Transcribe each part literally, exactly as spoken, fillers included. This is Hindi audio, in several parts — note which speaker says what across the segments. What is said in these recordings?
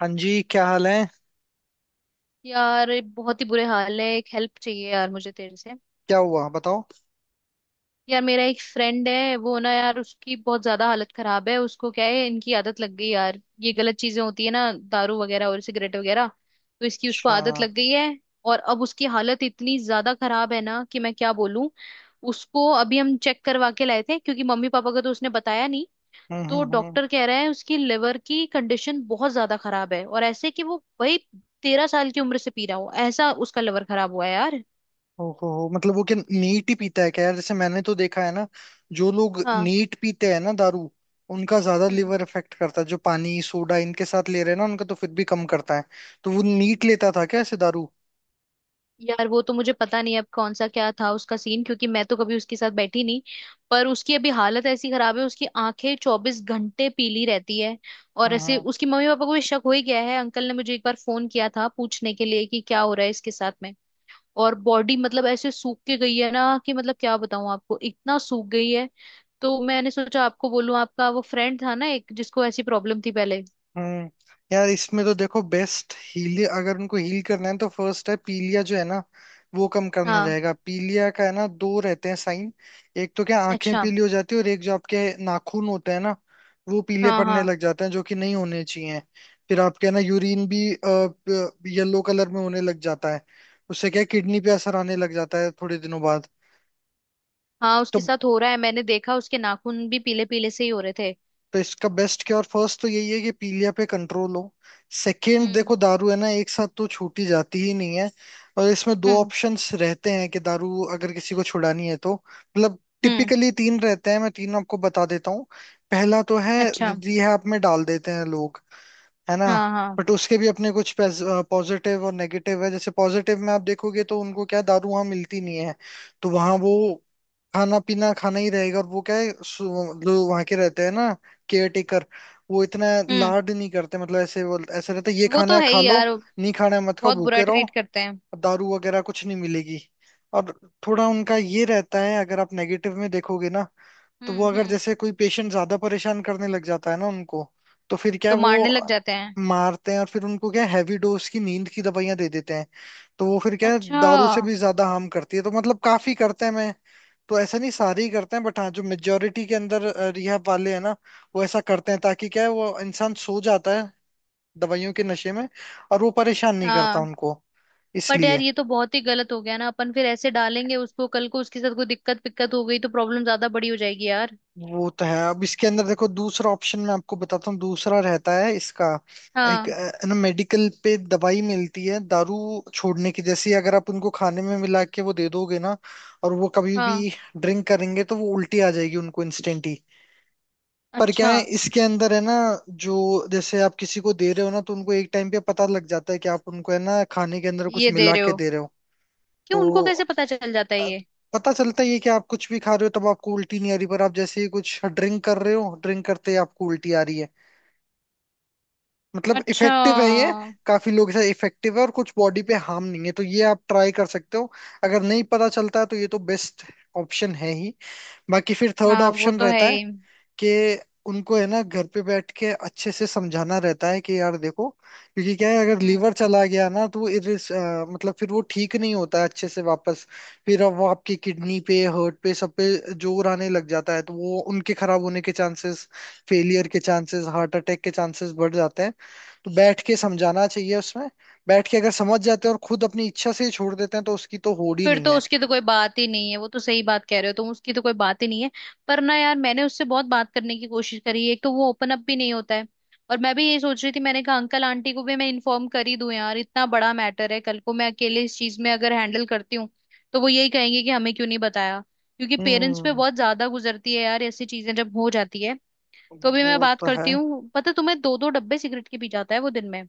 Speaker 1: हाँ जी, क्या हाल है।
Speaker 2: यार ये बहुत ही बुरे हाल है। एक हेल्प चाहिए यार मुझे तेरे से।
Speaker 1: क्या हुआ बताओ।
Speaker 2: यार मेरा एक फ्रेंड है, वो ना यार उसकी बहुत ज्यादा हालत खराब है। उसको क्या है, इनकी आदत लग गई यार, ये गलत चीजें होती है ना, दारू वगैरह और सिगरेट वगैरह। तो इसकी उसको
Speaker 1: अच्छा।
Speaker 2: आदत लग गई है। और अब उसकी हालत इतनी ज्यादा खराब है ना कि मैं क्या बोलूं। उसको अभी हम चेक करवा के लाए थे क्योंकि मम्मी पापा को तो उसने बताया नहीं।
Speaker 1: हम्म,
Speaker 2: तो
Speaker 1: हम्म, हम्म।
Speaker 2: डॉक्टर कह रहा है उसकी लिवर की कंडीशन बहुत ज्यादा खराब है, और ऐसे कि वो भाई तेरह साल की उम्र से पी रहा हो ऐसा उसका लिवर खराब हुआ है यार।
Speaker 1: ओहो हो, मतलब वो क्या नीट ही पीता है क्या यार। जैसे मैंने तो देखा है ना, जो लोग
Speaker 2: हाँ।
Speaker 1: नीट पीते हैं ना दारू, उनका ज्यादा
Speaker 2: हम्म।
Speaker 1: लीवर इफेक्ट करता है। जो पानी सोडा इनके साथ ले रहे हैं ना, उनका तो फिर भी कम करता है। तो वो नीट लेता था क्या ऐसे दारू?
Speaker 2: यार वो तो मुझे पता नहीं अब कौन सा क्या था उसका सीन, क्योंकि मैं तो कभी उसके साथ बैठी नहीं। पर उसकी अभी हालत ऐसी खराब है, उसकी आंखें चौबीस घंटे पीली रहती है। और
Speaker 1: हम्म,
Speaker 2: ऐसे
Speaker 1: हम्म।
Speaker 2: उसकी मम्मी पापा को भी शक हो ही गया है, अंकल ने मुझे एक बार फोन किया था पूछने के लिए कि क्या हो रहा है इसके साथ में। और बॉडी मतलब ऐसे सूख के गई है ना कि मतलब क्या बताऊं आपको, इतना सूख गई है। तो मैंने सोचा आपको बोलूं, आपका वो फ्रेंड था ना एक जिसको ऐसी प्रॉब्लम थी पहले।
Speaker 1: हम्म। यार, इसमें तो देखो बेस्ट हील अगर उनको हील करना है, तो फर्स्ट है पीलिया जो है ना। वो कम करना
Speaker 2: हाँ।
Speaker 1: रहेगा। पीलिया का है ना, दो रहते हैं साइन। एक तो क्या आंखें
Speaker 2: अच्छा।
Speaker 1: पीली हो जाती है, और एक जो आपके नाखून होते हैं ना, वो पीले
Speaker 2: हाँ
Speaker 1: पड़ने
Speaker 2: हाँ।
Speaker 1: लग जाते हैं जो कि नहीं होने चाहिए। फिर आपके है ना यूरिन भी येलो कलर में होने लग जाता है। उससे क्या किडनी पे असर आने लग जाता है थोड़े दिनों बाद।
Speaker 2: हाँ
Speaker 1: तो
Speaker 2: उसके साथ हो रहा है, मैंने देखा उसके नाखून भी पीले पीले से ही हो रहे थे।
Speaker 1: तो इसका बेस्ट क्या और फर्स्ट तो यही है कि पीलिया पे कंट्रोल हो। सेकंड
Speaker 2: हम्म
Speaker 1: देखो, दारू है ना, एक साथ तो छूटी जाती ही नहीं है। और इसमें दो
Speaker 2: हम्म
Speaker 1: ऑप्शंस रहते हैं कि दारू अगर किसी को छुड़ानी है तो, मतलब
Speaker 2: हम्म।
Speaker 1: टिपिकली तीन रहते हैं, मैं तीन आपको बता देता हूँ। पहला तो है
Speaker 2: अच्छा।
Speaker 1: रिहैब में डाल देते हैं लोग। है ना।
Speaker 2: हाँ हाँ।
Speaker 1: बट उसके भी अपने कुछ पॉजिटिव और नेगेटिव है। जैसे पॉजिटिव में आप देखोगे तो उनको क्या है, दारू वहां मिलती नहीं है। तो वहां वो खाना पीना खाना ही रहेगा, और वो क्या है, सु- जो वहां के रहते हैं ना, केयर टेकर, वो इतना
Speaker 2: हम्म।
Speaker 1: लाड नहीं करते। मतलब ऐसे वो ऐसे रहते हैं, ये
Speaker 2: वो
Speaker 1: खाना
Speaker 2: तो
Speaker 1: है
Speaker 2: है
Speaker 1: खा
Speaker 2: ही
Speaker 1: लो।
Speaker 2: यार।
Speaker 1: नहीं खाना है मत खाओ,
Speaker 2: बहुत बुरा
Speaker 1: भूखे रहो।
Speaker 2: ट्रीट करते हैं।
Speaker 1: दारू वगैरह कुछ नहीं मिलेगी। और थोड़ा उनका ये रहता है, अगर आप नेगेटिव में देखोगे ना। तो वो
Speaker 2: हम्म
Speaker 1: अगर
Speaker 2: हम्म।
Speaker 1: जैसे कोई पेशेंट ज्यादा परेशान करने लग जाता है ना उनको, तो फिर क्या
Speaker 2: तो
Speaker 1: है,
Speaker 2: मारने लग
Speaker 1: वो
Speaker 2: जाते हैं।
Speaker 1: मारते हैं और फिर उनको क्या, हैवी डोज की नींद की दवाइयां दे देते हैं। तो वो फिर क्या है,
Speaker 2: अच्छा।
Speaker 1: दारू से भी ज्यादा हार्म करती है, तो मतलब काफी करते हैं मैं। तो ऐसा नहीं सारे ही करते हैं, बट हाँ, जो मेजोरिटी के अंदर रिहब वाले हैं ना, वो ऐसा करते हैं ताकि क्या है, वो इंसान सो जाता है दवाइयों के नशे में, और वो परेशान नहीं करता
Speaker 2: हाँ
Speaker 1: उनको,
Speaker 2: बट यार
Speaker 1: इसलिए।
Speaker 2: ये तो बहुत ही गलत हो गया ना, अपन फिर ऐसे डालेंगे उसको, कल को उसके साथ कोई दिक्कत पिक्कत हो गई तो प्रॉब्लम ज्यादा बड़ी हो जाएगी यार।
Speaker 1: वो तो है। अब इसके अंदर देखो दूसरा ऑप्शन मैं आपको बताता हूँ, दूसरा रहता है इसका। एक
Speaker 2: हाँ।
Speaker 1: अ, ना, मेडिकल पे दवाई मिलती है दारू छोड़ने की। जैसे अगर आप उनको खाने में मिला के वो दे दोगे ना, और वो कभी
Speaker 2: हाँ।
Speaker 1: भी ड्रिंक करेंगे तो वो उल्टी आ जाएगी उनको इंस्टेंट ही। पर क्या
Speaker 2: अच्छा
Speaker 1: है इसके अंदर, है ना, जो, जैसे आप किसी को दे रहे हो ना, तो उनको एक टाइम पे पता लग जाता है कि आप उनको है ना खाने के अंदर कुछ
Speaker 2: ये दे
Speaker 1: मिला
Speaker 2: रहे
Speaker 1: के
Speaker 2: हो?
Speaker 1: दे रहे हो।
Speaker 2: क्यों, उनको
Speaker 1: तो
Speaker 2: कैसे पता चल जाता है
Speaker 1: अ,
Speaker 2: ये?
Speaker 1: पता चलता ही है कि आप कुछ भी खा रहे हो तब आपको उल्टी नहीं आ रही, पर आप जैसे ही कुछ ड्रिंक कर रहे हो, ड्रिंक करते ही आपको उल्टी आ रही है। मतलब
Speaker 2: अच्छा।
Speaker 1: इफेक्टिव है ये। काफी लोग इसे इफेक्टिव है और कुछ बॉडी पे हार्म नहीं है, तो ये आप ट्राई कर सकते हो। अगर नहीं पता चलता है तो ये तो बेस्ट ऑप्शन है ही। बाकी फिर थर्ड
Speaker 2: हाँ वो
Speaker 1: ऑप्शन
Speaker 2: तो है
Speaker 1: रहता है
Speaker 2: ही।
Speaker 1: कि उनको है ना घर पे बैठ के अच्छे से समझाना रहता है कि यार देखो, क्योंकि क्या है, अगर
Speaker 2: हम्म।
Speaker 1: लीवर चला गया ना तो वो इरिस अ, मतलब फिर वो ठीक नहीं होता है अच्छे से वापस। फिर अब वो आपकी किडनी पे, हार्ट पे, सब पे जोर आने लग जाता है, तो वो उनके खराब होने के चांसेस, फेलियर के चांसेस, हार्ट अटैक के चांसेस बढ़ जाते हैं। तो बैठ के समझाना चाहिए उसमें। बैठ के अगर समझ जाते हैं और खुद अपनी इच्छा से ही छोड़ देते हैं तो उसकी तो होड़ ही
Speaker 2: फिर
Speaker 1: नहीं
Speaker 2: तो
Speaker 1: है।
Speaker 2: उसकी तो कोई बात ही नहीं है, वो तो सही बात कह रहे हो तुम, उसकी तो कोई बात ही नहीं है। पर ना यार, मैंने उससे बहुत बात करने की कोशिश करी, एक तो वो ओपन अप भी नहीं होता है। और मैं भी ये सोच रही थी, मैंने कहा अंकल आंटी को भी मैं इन्फॉर्म कर ही दूं यार, इतना बड़ा मैटर है, कल को मैं अकेले इस चीज में अगर हैंडल करती हूँ तो वो यही कहेंगे कि हमें क्यों नहीं बताया। क्योंकि पेरेंट्स पे
Speaker 1: हम्म।
Speaker 2: बहुत ज्यादा गुजरती है यार ऐसी चीजें जब हो जाती है। तो भी मैं
Speaker 1: वो
Speaker 2: बात
Speaker 1: तो है।
Speaker 2: करती हूँ। पता है तुम्हें, दो दो डब्बे सिगरेट के पी जाता है वो दिन में।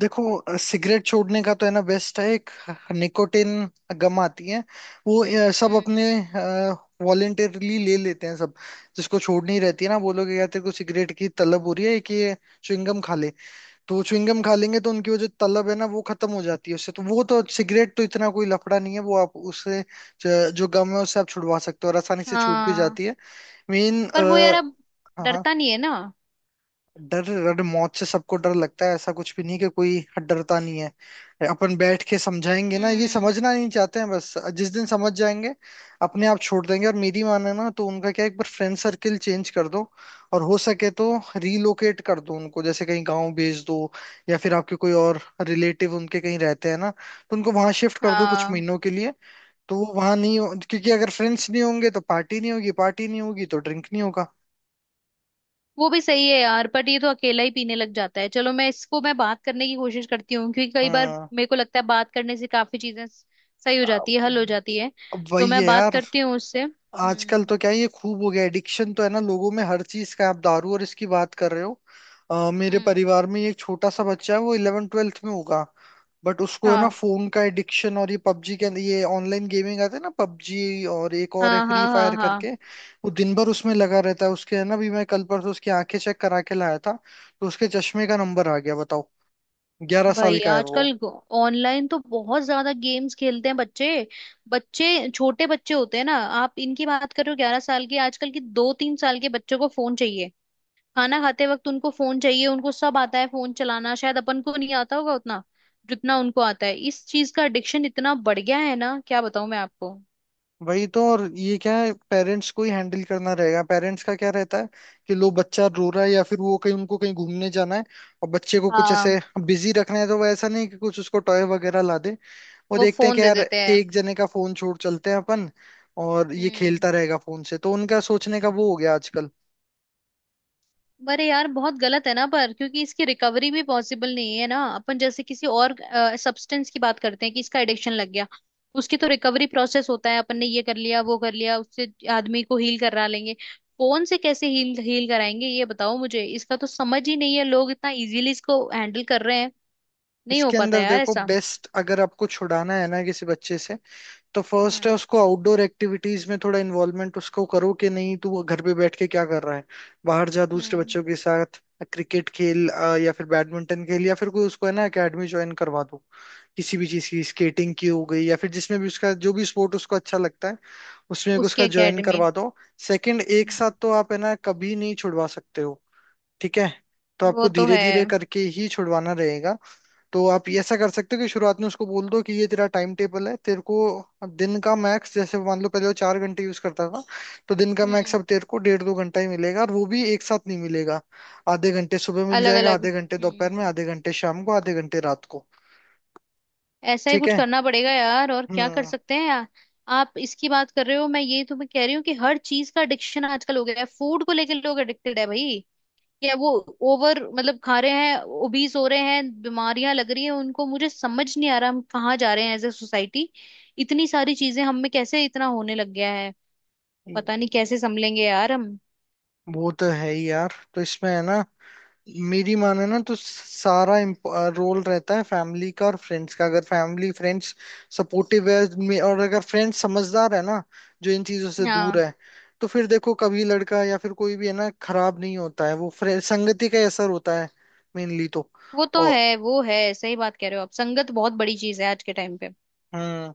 Speaker 1: देखो अ, सिगरेट छोड़ने का तो है ना बेस्ट है एक निकोटिन गम आती है। वो अ, सब
Speaker 2: हम्म।
Speaker 1: अपने वॉलेंटरली ले लेते हैं सब। जिसको छोड़नी रहती है ना, वो लोग, क्या तेरे को सिगरेट की तलब हो रही है कि ये च्युइंगम खा ले। तो वो च्युइंगम खा लेंगे तो उनकी वो जो तलब है ना, वो खत्म हो जाती है उससे। तो वो तो सिगरेट तो इतना कोई लफड़ा नहीं है, वो आप उससे ज- जो गम है उससे आप छुड़वा सकते हो, और आसानी से छूट भी
Speaker 2: हाँ
Speaker 1: जाती है। मेन।
Speaker 2: पर वो यार अब
Speaker 1: हाँ। हाँ।
Speaker 2: डरता नहीं है ना।
Speaker 1: डर, डर मौत से सबको डर लगता है, ऐसा कुछ भी नहीं कि कोई डरता नहीं है। अपन बैठ के समझाएंगे ना, ये
Speaker 2: हम्म।
Speaker 1: समझना नहीं चाहते हैं बस, जिस दिन समझ जाएंगे अपने आप छोड़ देंगे। और मेरी माने ना, तो उनका क्या है, एक बार फ्रेंड सर्किल चेंज कर दो। और हो सके तो रीलोकेट कर दो उनको, जैसे कहीं गांव भेज दो, या फिर आपके कोई और रिलेटिव उनके कहीं रहते हैं ना, तो उनको वहां शिफ्ट कर दो कुछ
Speaker 2: हाँ
Speaker 1: महीनों के लिए। तो वो वहां नहीं हो- क्योंकि अगर फ्रेंड्स नहीं होंगे तो पार्टी नहीं होगी, पार्टी नहीं होगी तो ड्रिंक नहीं होगा।
Speaker 2: वो भी सही है यार, बट ये तो अकेला ही पीने लग जाता है। चलो, मैं इसको, मैं बात करने की कोशिश करती हूँ क्योंकि कई बार
Speaker 1: हाँ।
Speaker 2: मेरे को लगता है बात करने से काफी चीजें स- सही हो जाती है, हल हो जाती है।
Speaker 1: अब
Speaker 2: तो
Speaker 1: वही
Speaker 2: मैं
Speaker 1: है
Speaker 2: बात
Speaker 1: यार।
Speaker 2: करती हूँ उससे।
Speaker 1: आजकल
Speaker 2: हम्म।
Speaker 1: तो क्या है, ये खूब हो गया एडिक्शन तो है ना लोगों में हर चीज का, आप दारू और इसकी बात कर रहे हो। अ, मेरे
Speaker 2: हम्म।
Speaker 1: परिवार में एक छोटा सा बच्चा है, वो इलेवन ट्वेल्थ में होगा। बट उसको है ना
Speaker 2: हाँ
Speaker 1: फोन का एडिक्शन, और ये पबजी के अंदर, ये ऑनलाइन गेमिंग आते हैं ना, पबजी और एक और है
Speaker 2: हाँ
Speaker 1: फ्री
Speaker 2: हाँ हाँ।
Speaker 1: फायर
Speaker 2: हाँ
Speaker 1: करके। वो दिन भर उसमें लगा रहता है। उसके है ना भी, मैं कल परसों उसकी आंखें चेक करा के लाया था। तो उसके चश्मे का नंबर आ गया बताओ। ग्यारह
Speaker 2: भाई
Speaker 1: साल का है वो।
Speaker 2: आजकल ऑनलाइन तो बहुत ज्यादा गेम्स खेलते हैं बच्चे। बच्चे, छोटे बच्चे होते हैं ना, आप इनकी बात करो ग्यारह साल के, आजकल के दो तीन साल के बच्चों को फोन चाहिए। खाना खाते वक्त उनको फोन चाहिए। उनको सब आता है, फोन चलाना शायद अपन को नहीं आता होगा उतना जितना उनको आता है। इस चीज का एडिक्शन इतना बढ़ गया है ना, क्या बताऊं मैं आपको।
Speaker 1: वही तो। और ये क्या है, पेरेंट्स को ही हैंडल करना रहेगा। पेरेंट्स का क्या रहता है कि, लो बच्चा रो रहा है या फिर वो कहीं उनको कहीं घूमने जाना है, और बच्चे को कुछ
Speaker 2: हाँ
Speaker 1: ऐसे बिजी रखना है, तो वो ऐसा नहीं कि कुछ उसको टॉय वगैरह ला दे। वो
Speaker 2: वो
Speaker 1: देखते हैं
Speaker 2: फोन
Speaker 1: कि
Speaker 2: दे
Speaker 1: यार,
Speaker 2: देते हैं।
Speaker 1: एक जने का फोन छोड़ चलते हैं अपन, और ये
Speaker 2: हम्म।
Speaker 1: खेलता रहेगा फोन से। तो उनका सोचने का वो हो गया आजकल।
Speaker 2: अरे यार बहुत गलत है ना, पर क्योंकि इसकी रिकवरी भी पॉसिबल नहीं है ना। अपन जैसे किसी और सब्सटेंस की बात करते हैं कि इसका एडिक्शन लग गया, उसकी तो रिकवरी प्रोसेस होता है, अपन ने ये कर लिया वो कर लिया उससे आदमी को हील करा लेंगे। फोन से कैसे हील हील कराएंगे ये बताओ मुझे, इसका तो समझ ही नहीं है। लोग इतना इजीली इसको हैंडल कर रहे हैं, नहीं हो
Speaker 1: इसके
Speaker 2: पाता
Speaker 1: अंदर
Speaker 2: यार
Speaker 1: देखो
Speaker 2: ऐसा।
Speaker 1: बेस्ट, अगर आपको छुड़ाना है ना किसी बच्चे से, तो फर्स्ट है
Speaker 2: हम्म।
Speaker 1: उसको आउटडोर एक्टिविटीज में थोड़ा इन्वॉल्वमेंट उसको करो कि नहीं तू वो घर पे बैठ के क्या कर रहा है। बाहर जा दूसरे
Speaker 2: हम्म।
Speaker 1: बच्चों के साथ क्रिकेट खेल, अ, या फिर बैडमिंटन खेल, या फिर कोई उसको है ना एकेडमी ज्वाइन करवा दो। किसी भी चीज की, स्केटिंग की हो गई, या फिर जिसमें भी उसका जो भी स्पोर्ट उसको अच्छा लगता है, उसमें एक
Speaker 2: उसकी
Speaker 1: उसका ज्वाइन
Speaker 2: एकेडमी।
Speaker 1: करवा दो। सेकंड, एक साथ तो आप है ना कभी नहीं छुड़वा सकते हो, ठीक है। तो
Speaker 2: वो
Speaker 1: आपको
Speaker 2: तो
Speaker 1: धीरे
Speaker 2: है।
Speaker 1: धीरे करके ही छुड़वाना रहेगा। तो आप ये ऐसा कर सकते हो कि शुरुआत में उसको बोल दो कि ये तेरा टाइम टेबल है। तेरे को दिन का मैक्स, जैसे मान लो पहले वो चार घंटे यूज करता था। तो दिन का मैक्स
Speaker 2: हम्म।
Speaker 1: अब तेरे को डेढ़ दो घंटा ही मिलेगा, और वो भी एक साथ नहीं मिलेगा। आधे घंटे सुबह मिल
Speaker 2: अलग
Speaker 1: जाएगा,
Speaker 2: अलग।
Speaker 1: आधे घंटे दोपहर में,
Speaker 2: हम्म
Speaker 1: आधे घंटे शाम को, आधे घंटे रात को।
Speaker 2: ऐसा ही
Speaker 1: ठीक
Speaker 2: कुछ
Speaker 1: है।
Speaker 2: करना पड़ेगा यार, और क्या कर
Speaker 1: हम्म।
Speaker 2: सकते हैं यार। आप इसकी बात कर रहे हो, मैं ये तुम्हें कह रही हूँ कि हर चीज का एडिक्शन आजकल हो गया है। फूड को लेकर लोग एडिक्टेड है भाई, या वो ओवर मतलब खा रहे हैं, ओबीज हो रहे हैं, बीमारियां लग रही हैं उनको। मुझे समझ नहीं आ रहा हम कहाँ जा रहे हैं एज ए सोसाइटी। इतनी सारी चीजें हम में कैसे इतना होने लग गया है, पता नहीं कैसे संभलेंगे यार हम।
Speaker 1: वो तो है ही यार, तो इसमें है ना, मेरी माने ना, तो सारा रोल रहता है फैमिली का और फ्रेंड्स का। अगर फैमिली फ्रेंड्स सपोर्टिव है, मे- और अगर फ्रेंड्स समझदार है ना, जो इन चीजों से दूर
Speaker 2: हाँ
Speaker 1: है, तो फिर देखो कभी लड़का या फिर कोई भी है ना खराब नहीं होता है वो, फ्रे- संगति का ही असर होता है मेनली तो।
Speaker 2: वो तो
Speaker 1: और।
Speaker 2: है, वो है, सही बात कह रहे हो आप, संगत बहुत बड़ी चीज है आज के टाइम पे।
Speaker 1: हम्म।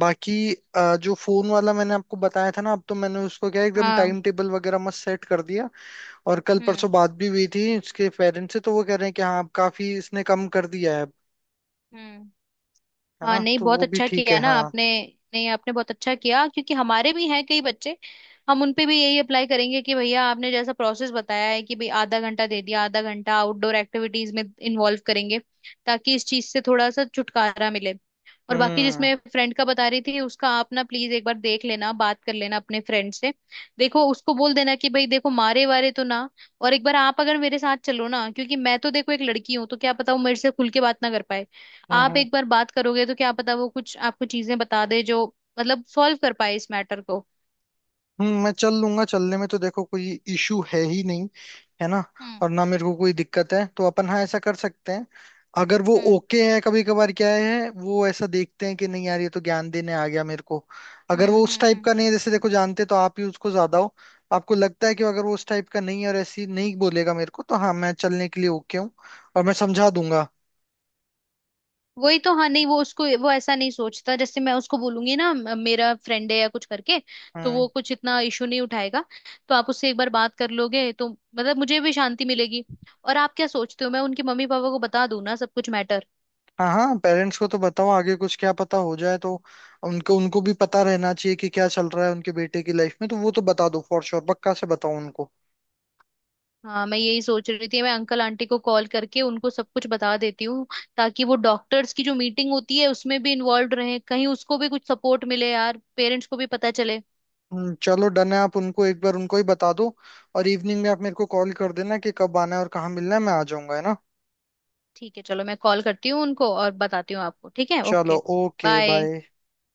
Speaker 1: बाकी अ, जो फोन वाला मैंने आपको बताया था ना, अब तो मैंने उसको क्या है, एकदम
Speaker 2: हाँ।
Speaker 1: टाइम टेबल वगैरह मस्त सेट कर दिया। और कल परसों
Speaker 2: हम्म
Speaker 1: बात भी हुई थी इसके पेरेंट्स से, तो वो कह रहे हैं कि हाँ, अब काफी इसने कम कर दिया है।
Speaker 2: हम्म।
Speaker 1: है
Speaker 2: हाँ
Speaker 1: ना,
Speaker 2: नहीं
Speaker 1: तो
Speaker 2: बहुत
Speaker 1: वो भी
Speaker 2: अच्छा
Speaker 1: ठीक है,
Speaker 2: किया ना
Speaker 1: हाँ।
Speaker 2: आपने। नहीं आपने बहुत अच्छा किया, क्योंकि हमारे भी हैं कई बच्चे, हम उन पे भी यही अप्लाई करेंगे कि भैया आपने जैसा प्रोसेस बताया है कि भाई आधा घंटा दे दिया, आधा घंटा आउटडोर एक्टिविटीज में इन्वॉल्व करेंगे ताकि इस चीज से थोड़ा सा छुटकारा मिले। और बाकी
Speaker 1: हम्म,
Speaker 2: जिसमें फ्रेंड का बता रही थी उसका, आप ना प्लीज एक बार देख लेना, बात कर लेना अपने फ्रेंड से। देखो उसको बोल देना कि भाई देखो मारे वारे तो ना, और एक बार आप अगर मेरे साथ चलो ना, क्योंकि मैं तो देखो एक लड़की हूँ, तो क्या पता वो मेरे से खुल के बात ना कर पाए।
Speaker 1: हम्म,
Speaker 2: आप
Speaker 1: हम्म,
Speaker 2: एक बार बात करोगे तो क्या पता वो कुछ आपको चीजें बता दे जो मतलब सॉल्व कर पाए इस मैटर को।
Speaker 1: हम्म। मैं चल लूंगा, चलने में तो देखो कोई इशू है ही नहीं। है ना।
Speaker 2: हम्म
Speaker 1: और ना मेरे को कोई दिक्कत है, तो अपन हाँ ऐसा कर सकते हैं। अगर वो
Speaker 2: हम्म
Speaker 1: ओके है, कभी कभार क्या है वो ऐसा देखते हैं कि नहीं यार, ये तो ज्ञान देने आ गया मेरे को। अगर
Speaker 2: हम्म
Speaker 1: वो उस
Speaker 2: हम्म
Speaker 1: टाइप
Speaker 2: हम्म।
Speaker 1: का नहीं है, जैसे देखो जानते तो आप ही उसको ज्यादा हो। आपको लगता है कि अगर वो उस टाइप का नहीं है और ऐसी नहीं बोलेगा मेरे को, तो हाँ, मैं चलने के लिए ओके हूँ। और मैं समझा दूंगा।
Speaker 2: वही तो। हाँ नहीं वो उसको, वो ऐसा नहीं सोचता, जैसे मैं उसको बोलूंगी ना म- मेरा फ्रेंड है या कुछ करके, तो वो
Speaker 1: हम्म।
Speaker 2: कुछ इतना इशू नहीं उठाएगा। तो आप उससे एक बार बात कर लोगे तो मतलब मुझे भी शांति मिलेगी। और आप क्या सोचते हो, मैं उनके मम्मी पापा को बता दूं ना सब कुछ मैटर?
Speaker 1: हाँ, हाँ, पेरेंट्स को तो बताओ, आगे कुछ क्या पता हो जाए तो। उनको उनको भी पता रहना चाहिए कि क्या चल रहा है उनके बेटे की लाइफ में, तो वो तो बता दो फॉर श्योर, पक्का से बताओ उनको।
Speaker 2: हाँ मैं यही सोच रही थी, मैं अंकल आंटी को कॉल करके उनको सब कुछ बता देती हूँ, ताकि वो डॉक्टर्स की जो मीटिंग होती है उसमें भी इन्वॉल्व रहे, कहीं उसको भी कुछ सपोर्ट मिले यार, पेरेंट्स को भी पता चले।
Speaker 1: हम्म, चलो डन है, आप उनको एक बार, उनको ही बता दो। और इवनिंग में आप मेरे को कॉल कर देना कि कब आना है और कहाँ मिलना है, मैं आ जाऊंगा है ना।
Speaker 2: ठीक है, चलो मैं कॉल करती हूँ उनको और बताती हूँ आपको। ठीक है,
Speaker 1: चलो,
Speaker 2: ओके,
Speaker 1: ओके,
Speaker 2: बाय।
Speaker 1: बाय।